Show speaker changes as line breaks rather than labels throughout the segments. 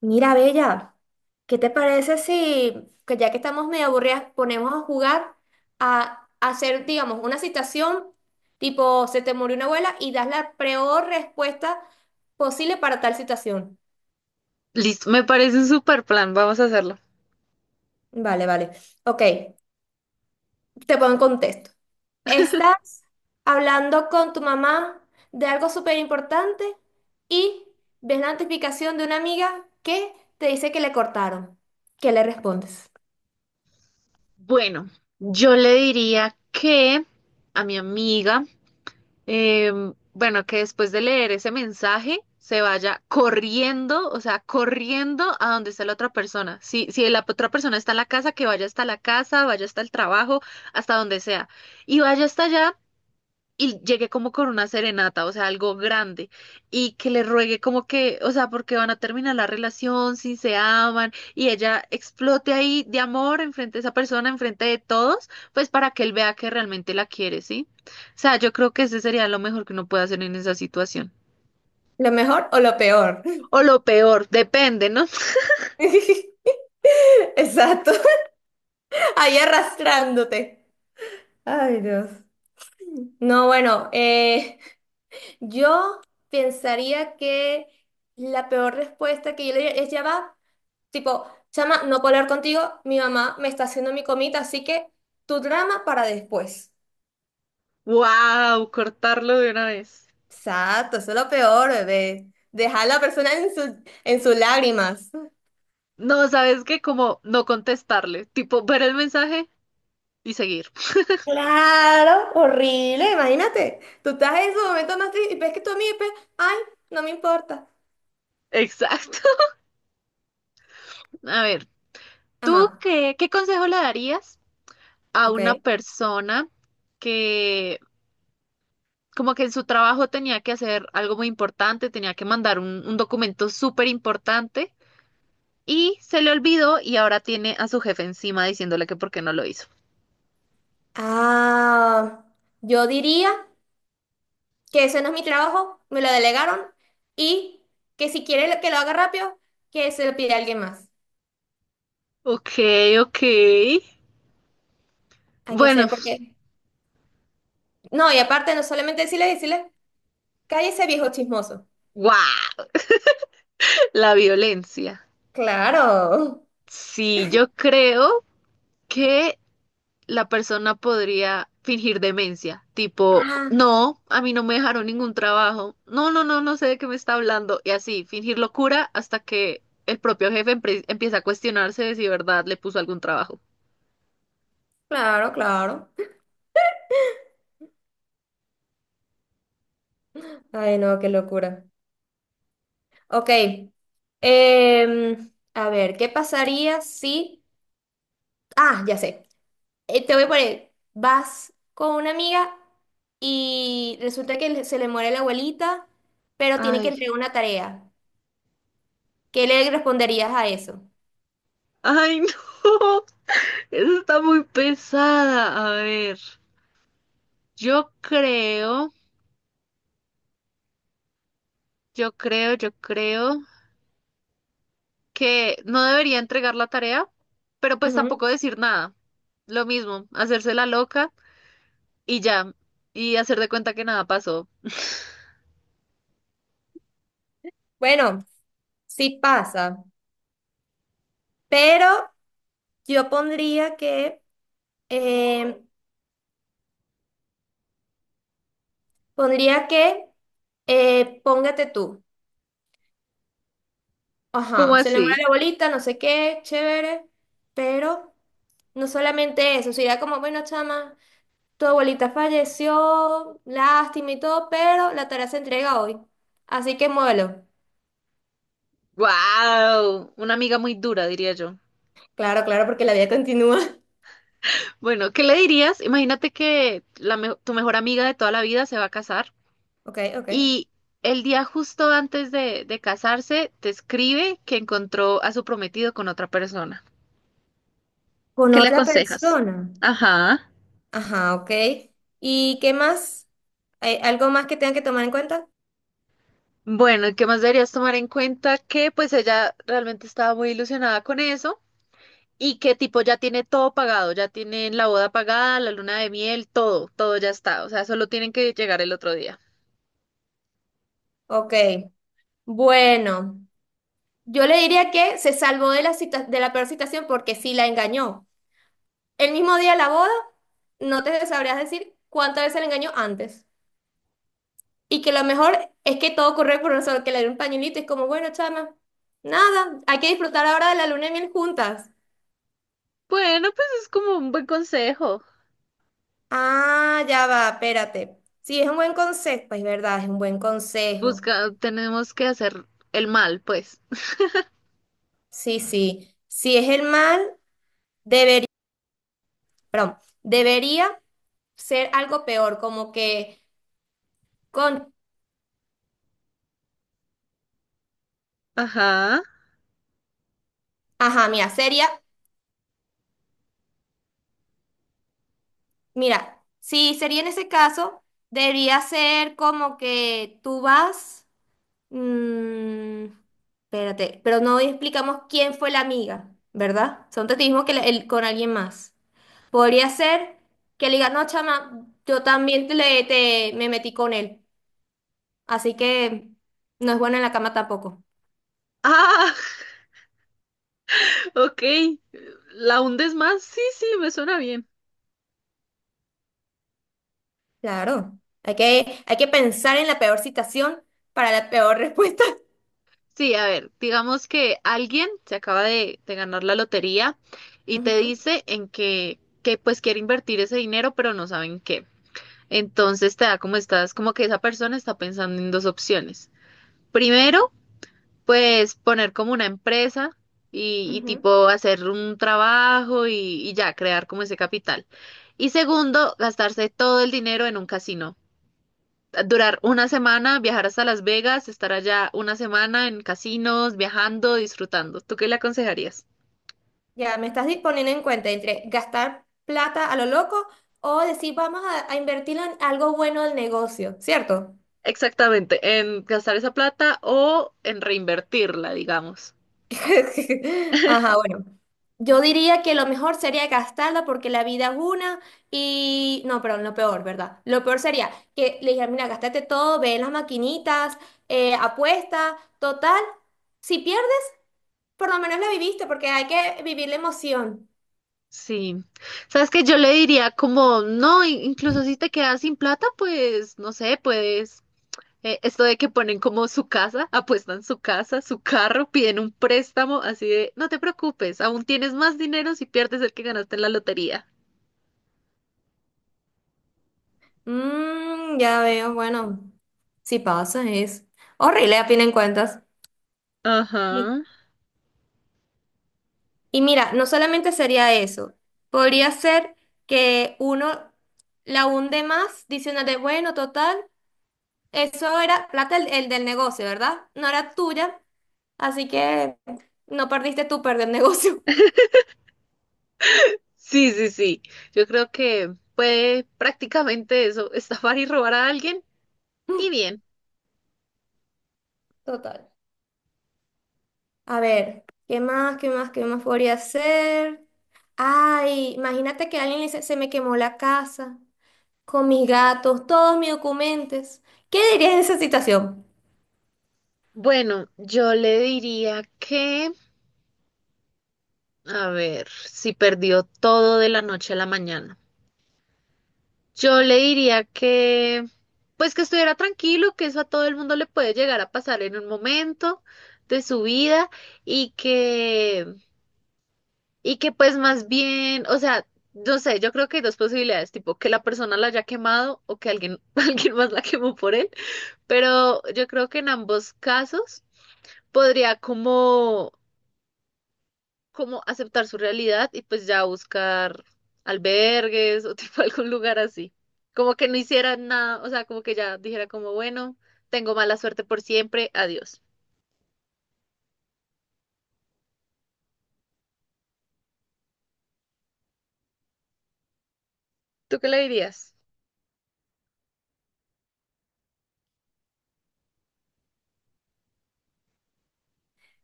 Mira, Bella, ¿qué te parece si, que ya que estamos medio aburridas, ponemos a jugar a, hacer, digamos, una citación tipo, se te murió una abuela y das la peor respuesta posible para tal situación?
Listo, me parece un super plan, vamos a hacerlo.
Vale. Ok, te pongo en contexto. Estás hablando con tu mamá de algo súper importante y ves la notificación de una amiga que te dice que le cortaron. ¿Qué le respondes?
Bueno, yo le diría que a mi amiga, bueno, que después de leer ese mensaje se vaya corriendo, o sea, corriendo a donde está la otra persona. Si la otra persona está en la casa, que vaya hasta la casa, vaya hasta el trabajo, hasta donde sea. Y vaya hasta allá y llegue como con una serenata, o sea, algo grande, y que le ruegue como que, o sea, porque van a terminar la relación, si se aman, y ella explote ahí de amor enfrente de esa persona, enfrente de todos, pues para que él vea que realmente la quiere, ¿sí? O sea, yo creo que ese sería lo mejor que uno puede hacer en esa situación.
¿Lo mejor o lo peor?
O lo peor, depende, ¿no?
Exacto, ahí arrastrándote. Ay, Dios. No, bueno, yo pensaría que la peor respuesta que yo le diría es ya va, tipo, chama, no puedo hablar contigo, mi mamá me está haciendo mi comida, así que tu drama para después.
¡Wow! Cortarlo de una vez.
Exacto, eso es lo peor, bebé. Dejar a la persona en en sus lágrimas.
No, ¿sabes qué? Como no contestarle, tipo ver el mensaje y seguir.
Claro, horrible, imagínate. Tú estás en su momento más triste y ves que tu amigo, y ves, ay, no me importa.
Exacto. A ver, ¿tú
Ajá,
qué consejo le darías a
ok.
una persona que como que en su trabajo tenía que hacer algo muy importante, tenía que mandar un documento súper importante y se le olvidó y ahora tiene a su jefe encima diciéndole que por qué no lo hizo?
Ah, yo diría que ese no es mi trabajo, me lo delegaron y que si quiere que lo haga rápido, que se lo pida a alguien más.
Ok, ok.
Hay que
Bueno,
ser porque... No, y aparte no solamente decirle, cállese viejo chismoso.
¡guau! La violencia.
Claro.
Sí, yo creo que la persona podría fingir demencia, tipo,
Ah,
no, a mí no me dejaron ningún trabajo, no, no, no, no sé de qué me está hablando, y así, fingir locura hasta que el propio jefe empieza a cuestionarse de si verdad le puso algún trabajo.
claro. Ay, no, qué locura. Ok. A ver, ¿qué pasaría si... Ah, ya sé. Te voy a poner, vas con una amiga y resulta que se le muere la abuelita, pero tiene que
Ay,
entregar una tarea. ¿Qué le responderías a eso?
ay, no, eso está muy pesada. A ver, yo creo, yo creo que no debería entregar la tarea, pero pues
Ujú.
tampoco decir nada. Lo mismo, hacerse la loca y ya, y hacer de cuenta que nada pasó.
Bueno, sí pasa, pero yo pondría que, eh, pondría que, póngate tú.
¿Cómo
Ajá, se le muere
así?
la abuelita, no sé qué, chévere, pero no solamente eso, sería como, bueno, chama. Tu abuelita falleció, lástima y todo, pero la tarea se entrega hoy. Así que muévelo.
¡Wow! Una amiga muy dura, diría yo.
Claro, claro, porque la vida continúa.
Bueno, ¿qué le dirías? Imagínate que tu mejor amiga de toda la vida se va a casar
Ok.
y el día justo antes de casarse te escribe que encontró a su prometido con otra persona.
Con
¿Qué le
otra
aconsejas?
persona.
Ajá.
Ajá, ok. ¿Y qué más? ¿Hay algo más que tengan que tomar en cuenta?
Bueno, ¿y qué más deberías tomar en cuenta? Que pues ella realmente estaba muy ilusionada con eso. Y que tipo ya tiene todo pagado, ya tienen la boda pagada, la luna de miel, todo, todo ya está. O sea, solo tienen que llegar el otro día.
Ok. Bueno, yo le diría que se salvó de la de la peor situación porque sí la engañó. El mismo día de la boda, no te sabrías decir cuántas veces la engañó antes. Y que lo mejor es que todo ocurre por nosotros, que le dé un pañuelito, es como, bueno, chama, nada, hay que disfrutar ahora de la luna de miel juntas.
Bueno, pues es como un buen consejo.
Ah, ya va, espérate. Sí, es un buen consejo, es verdad, es un buen consejo.
Busca, tenemos que hacer el mal, pues.
Sí, sí. Si es el mal, debería, perdón, debería ser algo peor, como que con,
Ajá.
ajá, mira, mira, si sería en ese caso, debería ser como que tú vas. Mm, Espérate, pero no explicamos quién fue la amiga, ¿verdad? Son testigos que con alguien más. Podría ser que le diga, no, chama, yo también me metí con él, así que no es bueno en la cama tampoco.
Ah, ok. ¿La hundes más? Sí, sí, me suena bien.
Claro, hay que pensar en la peor situación para la peor respuesta.
Sí, a ver, digamos que alguien se acaba de ganar la lotería y te
Ujú,
dice en que pues quiere invertir ese dinero, pero no saben qué. Entonces te da como estás, como que esa persona está pensando en dos opciones. Primero, pues poner como una empresa y
ujú.
tipo hacer un trabajo y ya crear como ese capital. Y segundo, gastarse todo el dinero en un casino. Durar una semana, viajar hasta Las Vegas, estar allá una semana en casinos, viajando, disfrutando. ¿Tú qué le aconsejarías?
Ya, me estás disponiendo en cuenta entre gastar plata a lo loco o decir, vamos a invertirlo en algo bueno del negocio, ¿cierto?
Exactamente, en gastar esa plata o en reinvertirla, digamos.
Ajá, bueno. Yo diría que lo mejor sería gastarla porque la vida es una y... No, perdón, lo peor, ¿verdad? Lo peor sería que le dijera, mira, gastate todo, ve en las maquinitas, apuesta, total. Si pierdes, por lo menos la viviste porque hay que vivir la emoción.
Sí, sabes que yo le diría como, no, incluso si te quedas sin plata, pues no sé, puedes, esto de que ponen como su casa, apuestan su casa, su carro, piden un préstamo, así de, no te preocupes, aún tienes más dinero si pierdes el que ganaste en la lotería.
Ya veo, bueno, si pasa es horrible a fin de cuentas.
Ajá.
Sí. Y mira, no solamente sería eso, podría ser que uno la hunde más diciéndote, bueno, total, eso era plata el del negocio, ¿verdad? No era tuya, así que no perdiste tú, perder el negocio.
Sí, sí, sí, yo creo que puede prácticamente eso, estafar y robar a alguien y bien.
Total. A ver, ¿qué más podría ser? Ay, imagínate que alguien le dice, se me quemó la casa, con mis gatos, todos mis documentos. ¿Qué dirías en esa situación?
Bueno, yo le diría que, a ver, si perdió todo de la noche a la mañana. Yo le diría que, pues que estuviera tranquilo, que eso a todo el mundo le puede llegar a pasar en un momento de su vida y que, y que pues más bien, o sea, no sé, yo creo que hay dos posibilidades, tipo que la persona la haya quemado o que alguien, alguien más la quemó por él, pero yo creo que en ambos casos podría como como aceptar su realidad y pues ya buscar albergues o tipo algún lugar así. Como que no hiciera nada, o sea, como que ya dijera como, bueno, tengo mala suerte por siempre, adiós. ¿Tú qué le dirías?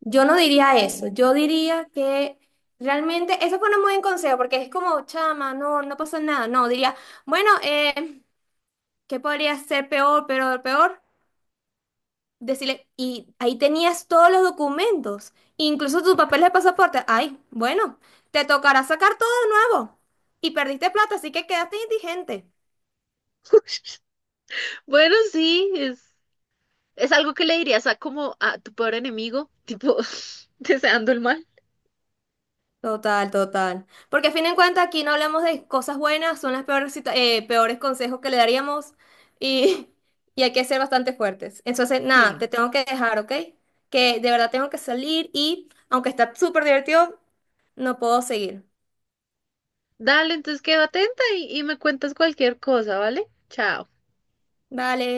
Yo no diría eso, yo diría que realmente, eso fue un muy buen consejo, porque es como, chama, no, no pasó nada, no, diría, bueno, ¿qué podría ser peor? Decirle, y ahí tenías todos los documentos, incluso tus papeles de pasaporte, ay, bueno, te tocará sacar todo de nuevo, y perdiste plata, así que quedaste indigente.
Bueno, sí, es algo que le dirías a como a tu peor enemigo, tipo deseando el mal.
Total. Porque a fin de cuentas aquí no hablamos de cosas buenas, son las peores, peores consejos que le daríamos y, y hay que ser bastante fuertes. Entonces, nada,
Sí.
te tengo que dejar, ¿ok? Que de verdad tengo que salir y aunque está súper divertido, no puedo seguir.
Dale, entonces quedo atenta y me cuentas cualquier cosa, ¿vale? Chao.
Vale.